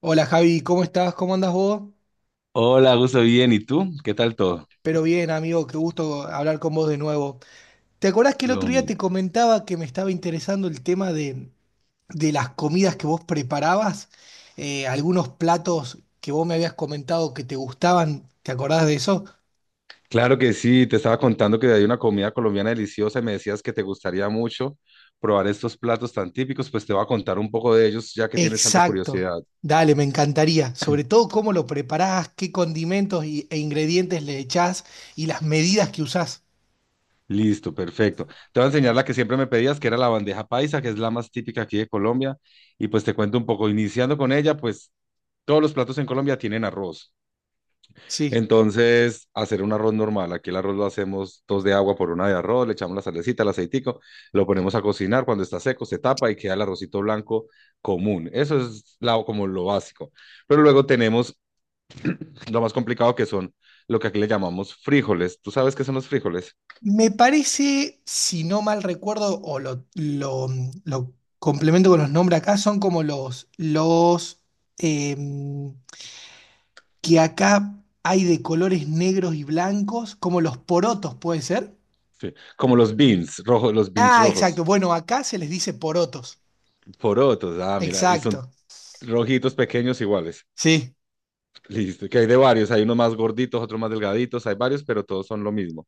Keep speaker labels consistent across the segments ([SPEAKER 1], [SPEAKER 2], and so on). [SPEAKER 1] Hola Javi, ¿cómo estás? ¿Cómo andas vos?
[SPEAKER 2] Hola, gusto bien. ¿Y tú? ¿Qué tal todo?
[SPEAKER 1] Pero bien, amigo, qué gusto hablar con vos de nuevo. ¿Te acordás que el
[SPEAKER 2] Lo
[SPEAKER 1] otro día
[SPEAKER 2] mismo.
[SPEAKER 1] te comentaba que me estaba interesando el tema de las comidas que vos preparabas? Algunos platos que vos me habías comentado que te gustaban, ¿te acordás de eso?
[SPEAKER 2] Claro que sí, te estaba contando que hay una comida colombiana deliciosa y me decías que te gustaría mucho probar estos platos tan típicos, pues te voy a contar un poco de ellos ya que tienes tanta
[SPEAKER 1] Exacto.
[SPEAKER 2] curiosidad.
[SPEAKER 1] Dale, me encantaría. Sobre todo cómo lo preparás, qué condimentos e ingredientes le echás y las medidas que usás.
[SPEAKER 2] Listo, perfecto. Te voy a enseñar la que siempre me pedías, que era la bandeja paisa, que es la más típica aquí de Colombia, y pues te cuento un poco, iniciando con ella, pues todos los platos en Colombia tienen arroz.
[SPEAKER 1] Sí.
[SPEAKER 2] Entonces, hacer un arroz normal. Aquí el arroz lo hacemos dos de agua por una de arroz, le echamos la salecita, el aceitico, lo ponemos a cocinar. Cuando está seco, se tapa y queda el arrocito blanco común. Eso es la, como lo básico. Pero luego tenemos lo más complicado que son lo que aquí le llamamos frijoles. ¿Tú sabes qué son los frijoles?
[SPEAKER 1] Me parece, si no mal recuerdo, lo complemento con los nombres acá, son como los em, que acá hay de colores negros y blancos, como los porotos, ¿puede ser?
[SPEAKER 2] Sí. Como los beans rojos,
[SPEAKER 1] Ah, exacto. Bueno, acá se les dice porotos.
[SPEAKER 2] porotos. Ah, mira, y son
[SPEAKER 1] Exacto.
[SPEAKER 2] rojitos pequeños iguales.
[SPEAKER 1] Sí,
[SPEAKER 2] Listo, que hay de varios, hay unos más gorditos, otros más delgaditos, hay varios, pero todos son lo mismo.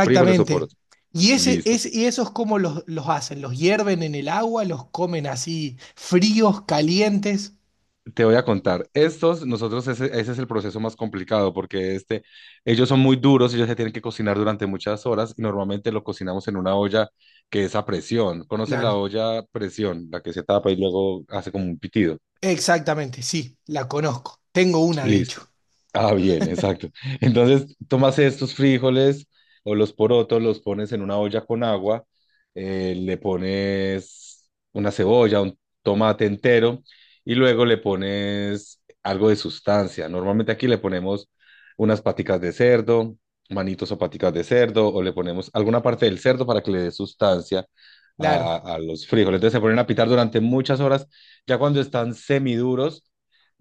[SPEAKER 2] Frijoles o porotos.
[SPEAKER 1] Y, ese,
[SPEAKER 2] Listo.
[SPEAKER 1] es, y esos cómo los hacen, los hierven en el agua, los comen así fríos, calientes.
[SPEAKER 2] Te voy a contar. Estos, nosotros, ese es el proceso más complicado porque este, ellos son muy duros, ellos se tienen que cocinar durante muchas horas y normalmente lo cocinamos en una olla que es a presión. ¿Conoces la
[SPEAKER 1] Claro.
[SPEAKER 2] olla a presión? La que se tapa y luego hace como un pitido.
[SPEAKER 1] Exactamente, sí, la conozco. Tengo una, de
[SPEAKER 2] Listo.
[SPEAKER 1] hecho.
[SPEAKER 2] Ah, bien, exacto. Entonces, tomas estos frijoles o los porotos, los pones en una olla con agua, le pones una cebolla, un tomate entero y luego le pones algo de sustancia. Normalmente aquí le ponemos unas paticas de cerdo, manitos o paticas de cerdo, o le ponemos alguna parte del cerdo para que le dé sustancia a,
[SPEAKER 1] Claro.
[SPEAKER 2] a los frijoles. Entonces se ponen a pitar durante muchas horas. Ya cuando están semiduros,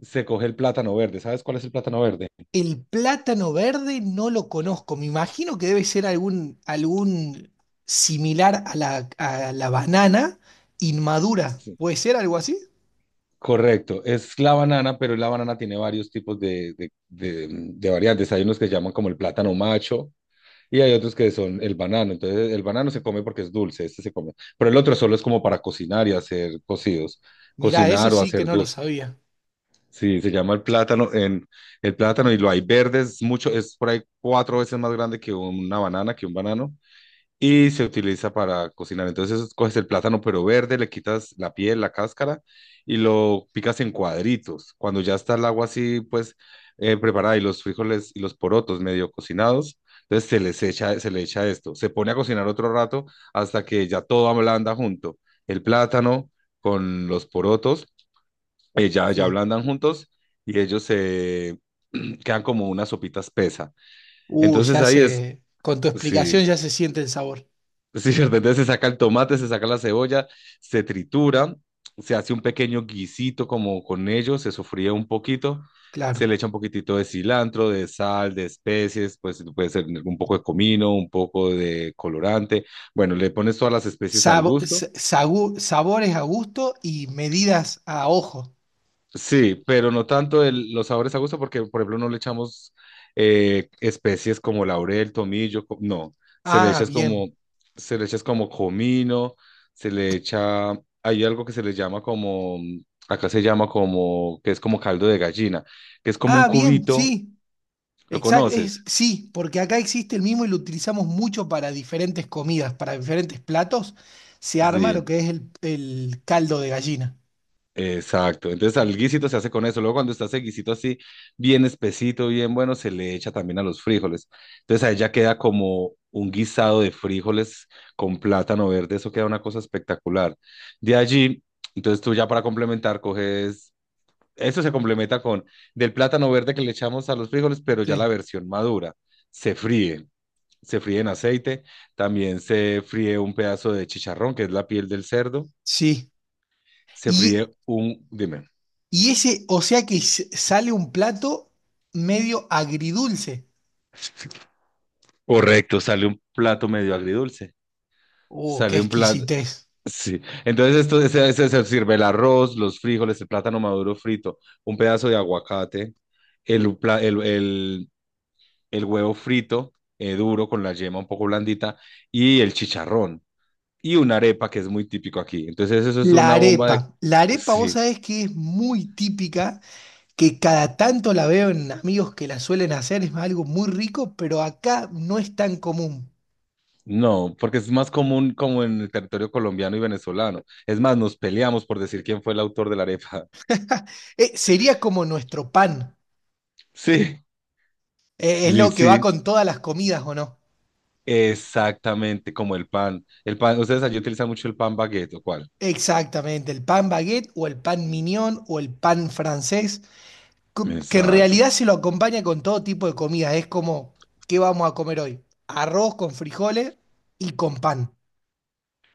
[SPEAKER 2] se coge el plátano verde. ¿Sabes cuál es el plátano verde?
[SPEAKER 1] El plátano verde no lo conozco. Me imagino que debe ser algún similar a a la banana inmadura.
[SPEAKER 2] Sí.
[SPEAKER 1] ¿Puede ser algo así?
[SPEAKER 2] Correcto, es la banana, pero la banana tiene varios tipos de variantes. Hay unos que llaman como el plátano macho y hay otros que son el banano. Entonces, el banano se come porque es dulce, este se come. Pero el otro solo es como para cocinar y hacer cocidos,
[SPEAKER 1] Mirá, eso
[SPEAKER 2] cocinar o
[SPEAKER 1] sí que
[SPEAKER 2] hacer
[SPEAKER 1] no lo
[SPEAKER 2] dulce.
[SPEAKER 1] sabía.
[SPEAKER 2] Sí, se llama el plátano y lo hay verde, es mucho, es por ahí cuatro veces más grande que una banana, que un banano. Y se utiliza para cocinar. Entonces coges el plátano pero verde, le quitas la piel, la cáscara y lo picas en cuadritos. Cuando ya está el agua así, pues preparada y los frijoles y los porotos medio cocinados, entonces se le echa esto. Se pone a cocinar otro rato hasta que ya todo ablanda junto. El plátano con los porotos, ya
[SPEAKER 1] Sí.
[SPEAKER 2] ablandan juntos y ellos se quedan como una sopita espesa. Entonces
[SPEAKER 1] Ya
[SPEAKER 2] ahí es,
[SPEAKER 1] se. Con tu explicación
[SPEAKER 2] sí,
[SPEAKER 1] ya se siente el sabor.
[SPEAKER 2] sí, ¿cierto? Entonces se saca el tomate, se saca la cebolla, se tritura, se hace un pequeño guisito como con ello, se sofría un poquito, se
[SPEAKER 1] Claro.
[SPEAKER 2] le echa un poquitito de cilantro, de sal, de especies, pues puede ser un poco de comino, un poco de colorante. Bueno, le pones todas las especies al gusto.
[SPEAKER 1] Sabores a gusto y medidas a ojo.
[SPEAKER 2] Sí, pero no tanto los sabores a gusto, porque por ejemplo no le echamos especies como laurel, tomillo, no, se le
[SPEAKER 1] Ah,
[SPEAKER 2] echa es
[SPEAKER 1] bien.
[SPEAKER 2] como, se le echa es como comino, se le echa, hay algo que se le llama como, acá se llama como, que es como caldo de gallina, que es como un
[SPEAKER 1] Ah, bien,
[SPEAKER 2] cubito,
[SPEAKER 1] sí.
[SPEAKER 2] ¿lo
[SPEAKER 1] Exacto, es,
[SPEAKER 2] conoces?
[SPEAKER 1] sí, porque acá existe el mismo y lo utilizamos mucho para diferentes comidas, para diferentes platos, se arma lo
[SPEAKER 2] Sí.
[SPEAKER 1] que es el caldo de gallina.
[SPEAKER 2] Exacto. Entonces al guisito se hace con eso. Luego cuando está ese guisito así, bien espesito, bien bueno, se le echa también a los frijoles. Entonces ahí ya queda como un guisado de frijoles con plátano verde. Eso queda una cosa espectacular. De allí, entonces tú ya para complementar coges, eso se complementa con del plátano verde que le echamos a los frijoles, pero ya la
[SPEAKER 1] Sí,
[SPEAKER 2] versión madura. Se fríe. Se fríe en aceite. También se fríe un pedazo de chicharrón, que es la piel del cerdo.
[SPEAKER 1] sí.
[SPEAKER 2] Se
[SPEAKER 1] Y,
[SPEAKER 2] fríe un, dime.
[SPEAKER 1] y o sea que sale un plato medio agridulce.
[SPEAKER 2] Correcto, sale un plato medio agridulce.
[SPEAKER 1] Oh, qué
[SPEAKER 2] Sale un plato.
[SPEAKER 1] exquisitez.
[SPEAKER 2] Sí. Entonces, se sirve el arroz, los frijoles, el plátano maduro frito, un pedazo de aguacate, el, pla- el huevo frito, duro, con la yema un poco blandita, y el chicharrón. Y una arepa que es muy típico aquí. Entonces, eso es
[SPEAKER 1] La
[SPEAKER 2] una bomba de.
[SPEAKER 1] arepa. La arepa, vos
[SPEAKER 2] Sí.
[SPEAKER 1] sabés que es muy típica, que cada tanto la veo en amigos que la suelen hacer, es algo muy rico, pero acá no es tan común.
[SPEAKER 2] No, porque es más común como en el territorio colombiano y venezolano. Es más, nos peleamos por decir quién fue el autor de la arepa.
[SPEAKER 1] Sería como nuestro pan.
[SPEAKER 2] Sí,
[SPEAKER 1] Es lo que va
[SPEAKER 2] sí.
[SPEAKER 1] con todas las comidas, ¿o no?
[SPEAKER 2] Exactamente, como el pan. El pan, ustedes allí utilizan mucho el pan baguette, ¿o cuál?
[SPEAKER 1] Exactamente, el pan baguette o el pan mignon o el pan francés, que en
[SPEAKER 2] Exacto.
[SPEAKER 1] realidad se lo acompaña con todo tipo de comida. Es como, ¿qué vamos a comer hoy? Arroz con frijoles y con pan.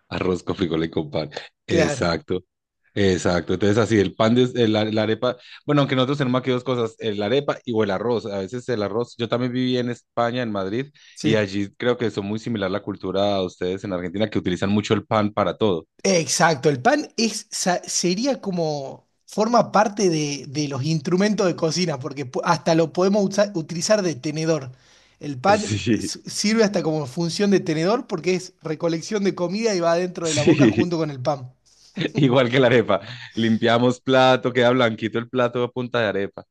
[SPEAKER 2] Arroz con frijoles con pan.
[SPEAKER 1] Claro,
[SPEAKER 2] Exacto. Exacto. Entonces, así, el pan, de, el, la arepa. Bueno, aunque nosotros tenemos aquí dos cosas, el arepa y o el arroz. A veces el arroz. Yo también viví en España, en Madrid, y
[SPEAKER 1] sí.
[SPEAKER 2] allí creo que son muy similar la cultura a ustedes en Argentina, que utilizan mucho el pan para todo.
[SPEAKER 1] Exacto, el pan es, sería como, forma parte de los instrumentos de cocina, porque hasta lo podemos utilizar de tenedor. El pan
[SPEAKER 2] Sí,
[SPEAKER 1] sirve hasta como función de tenedor porque es recolección de comida y va dentro de la boca
[SPEAKER 2] sí.
[SPEAKER 1] junto con el pan.
[SPEAKER 2] Igual que la arepa. Limpiamos plato, queda blanquito el plato a punta de arepa.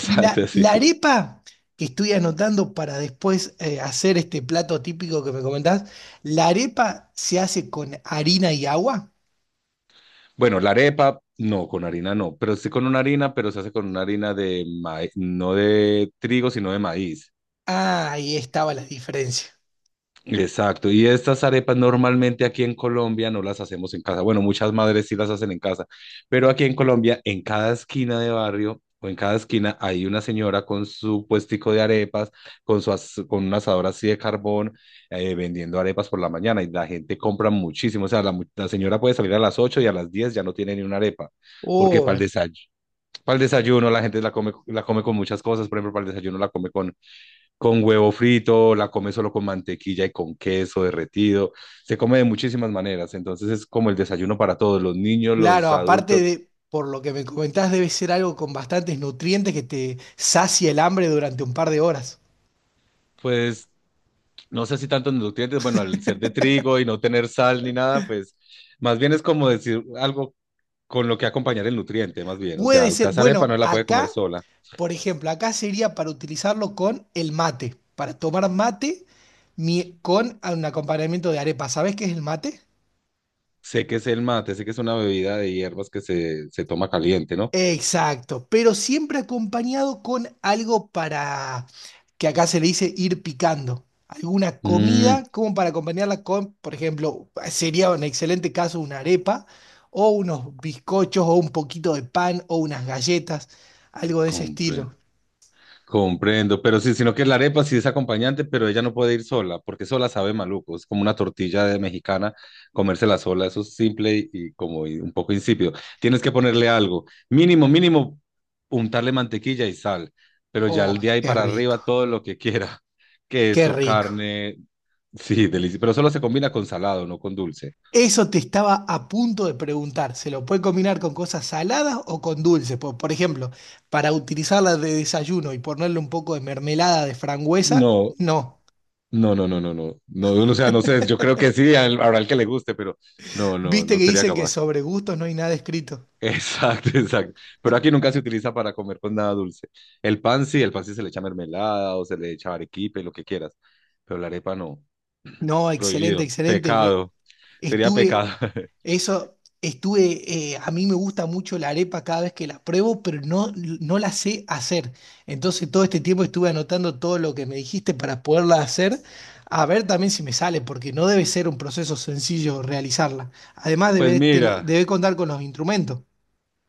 [SPEAKER 1] Y
[SPEAKER 2] sí,
[SPEAKER 1] la
[SPEAKER 2] sí.
[SPEAKER 1] arepa, que estoy anotando para después hacer este plato típico que me comentás, la arepa se hace con harina y agua.
[SPEAKER 2] Bueno, la arepa, no, con harina no, pero sí con una harina, pero se hace con una harina de maíz, no de trigo, sino de maíz.
[SPEAKER 1] Ah, ahí estaba la diferencia.
[SPEAKER 2] Exacto, y estas arepas normalmente aquí en Colombia no las hacemos en casa. Bueno, muchas madres sí las hacen en casa, pero aquí en Colombia, en cada esquina de barrio o en cada esquina hay una señora con su puestico de arepas, con un asador así de carbón, vendiendo arepas por la mañana y la gente compra muchísimo. O sea, la señora puede salir a las 8 y a las 10 ya no tiene ni una arepa, porque para el desayuno. Para el desayuno la gente la come, la come con muchas cosas, por ejemplo, para el desayuno la come con huevo frito, la come solo con mantequilla y con queso derretido, se come de muchísimas maneras, entonces es como el desayuno para todos, los niños,
[SPEAKER 1] Claro,
[SPEAKER 2] los
[SPEAKER 1] aparte
[SPEAKER 2] adultos,
[SPEAKER 1] de, por lo que me comentás, debe ser algo con bastantes nutrientes que te sacia el hambre durante un par de horas.
[SPEAKER 2] pues no sé si tantos nutrientes, bueno, al ser de trigo y no tener sal ni nada, pues más bien es como decir algo con lo que acompañar el nutriente, más bien, o sea,
[SPEAKER 1] Puede
[SPEAKER 2] usted
[SPEAKER 1] ser,
[SPEAKER 2] esa arepa no
[SPEAKER 1] bueno,
[SPEAKER 2] la puede
[SPEAKER 1] acá,
[SPEAKER 2] comer sola.
[SPEAKER 1] por ejemplo, acá sería para utilizarlo con el mate, para tomar mate con un acompañamiento de arepa. ¿Sabés qué es el mate?
[SPEAKER 2] Sé que es el mate, sé que es una bebida de hierbas que se toma caliente, ¿no?
[SPEAKER 1] Exacto, pero siempre acompañado con algo para, que acá se le dice ir picando, alguna
[SPEAKER 2] Mmm,
[SPEAKER 1] comida como para acompañarla con, por ejemplo, sería un excelente caso una arepa o unos bizcochos o un poquito de pan o unas galletas, algo de ese estilo.
[SPEAKER 2] comprendo. Comprendo, pero sí, sino que la arepa sí es acompañante, pero ella no puede ir sola, porque sola sabe maluco, es como una tortilla de mexicana, comérsela sola, eso es simple y como un poco insípido. Tienes que ponerle algo, mínimo, mínimo, untarle mantequilla y sal, pero ya el
[SPEAKER 1] Oh,
[SPEAKER 2] día ahí
[SPEAKER 1] qué
[SPEAKER 2] para
[SPEAKER 1] rico,
[SPEAKER 2] arriba todo lo que quiera,
[SPEAKER 1] qué
[SPEAKER 2] queso,
[SPEAKER 1] rico.
[SPEAKER 2] carne, sí, delicioso, pero solo se combina con salado, no con dulce.
[SPEAKER 1] Eso te estaba a punto de preguntar. ¿Se lo puede combinar con cosas saladas o con dulces? Por ejemplo, para utilizarla de desayuno y ponerle un poco de mermelada de frangüesa,
[SPEAKER 2] No,
[SPEAKER 1] no.
[SPEAKER 2] no, no, no, no, no, no, o sea, no sé, yo creo que sí, habrá el que le guste, pero no, no,
[SPEAKER 1] Viste
[SPEAKER 2] no
[SPEAKER 1] que
[SPEAKER 2] sería
[SPEAKER 1] dicen que
[SPEAKER 2] capaz.
[SPEAKER 1] sobre gustos no hay nada escrito.
[SPEAKER 2] Exacto, exacto. Pero aquí nunca se utiliza para comer con nada dulce. El pan sí se le echa mermelada o se le echa arequipe, lo que quieras. Pero la arepa no.
[SPEAKER 1] No, excelente,
[SPEAKER 2] Prohibido.
[SPEAKER 1] excelente.
[SPEAKER 2] Pecado. Sería pecado.
[SPEAKER 1] Estuve Eso Estuve, a mí me gusta mucho la arepa cada vez que la pruebo, pero no, no la sé hacer. Entonces todo este tiempo estuve anotando todo lo que me dijiste para poderla hacer, a ver también si me sale, porque no debe ser un proceso sencillo realizarla. Además
[SPEAKER 2] Pues mira,
[SPEAKER 1] debe contar con los instrumentos,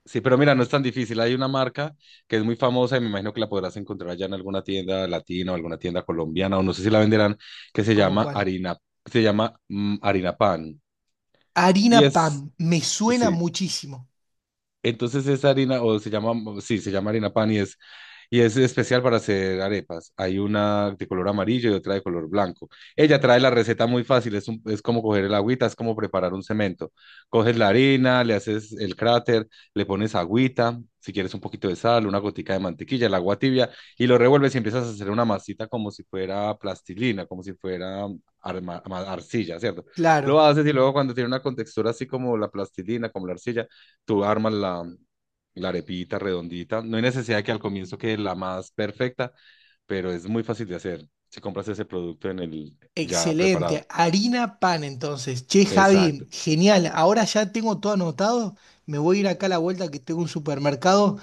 [SPEAKER 2] sí, pero mira, no es tan difícil. Hay una marca que es muy famosa y me imagino que la podrás encontrar allá en alguna tienda latina o alguna tienda colombiana o no sé si la venderán, que se
[SPEAKER 1] como
[SPEAKER 2] llama
[SPEAKER 1] cuál.
[SPEAKER 2] harina, se llama harina pan.
[SPEAKER 1] Harina
[SPEAKER 2] Y es,
[SPEAKER 1] pan, me suena
[SPEAKER 2] sí,
[SPEAKER 1] muchísimo,
[SPEAKER 2] entonces esa harina, o se llama, mm, sí, se llama harina pan y es especial para hacer arepas. Hay una de color amarillo y otra de color blanco. Ella trae la receta muy fácil, es, es como coger el agüita, es como preparar un cemento. Coges la harina, le haces el cráter, le pones agüita, si quieres un poquito de sal, una gotica de mantequilla, el agua tibia, y lo revuelves y empiezas a hacer una masita como si fuera plastilina, como si fuera arcilla, ¿cierto? Lo
[SPEAKER 1] claro.
[SPEAKER 2] haces y luego cuando tiene una contextura así como la plastilina, como la arcilla, tú armas la, la arepita redondita. No hay necesidad de que al comienzo quede la más perfecta, pero es muy fácil de hacer si compras ese producto en el ya
[SPEAKER 1] Excelente,
[SPEAKER 2] preparado.
[SPEAKER 1] harina pan entonces. Che, Javi,
[SPEAKER 2] Exacto.
[SPEAKER 1] genial. Ahora ya tengo todo anotado. Me voy a ir acá a la vuelta que tengo un supermercado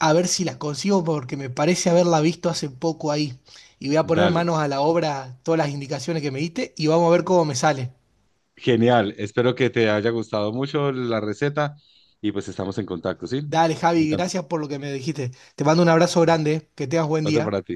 [SPEAKER 1] a ver si las consigo porque me parece haberla visto hace poco ahí. Y voy a poner
[SPEAKER 2] Dale.
[SPEAKER 1] manos a la obra todas las indicaciones que me diste y vamos a ver cómo me sale.
[SPEAKER 2] Genial. Espero que te haya gustado mucho la receta y pues estamos en contacto, ¿sí?
[SPEAKER 1] Dale,
[SPEAKER 2] Me
[SPEAKER 1] Javi,
[SPEAKER 2] encanta.
[SPEAKER 1] gracias por lo que me dijiste. Te mando un abrazo grande, que tengas buen
[SPEAKER 2] Otro
[SPEAKER 1] día.
[SPEAKER 2] para ti.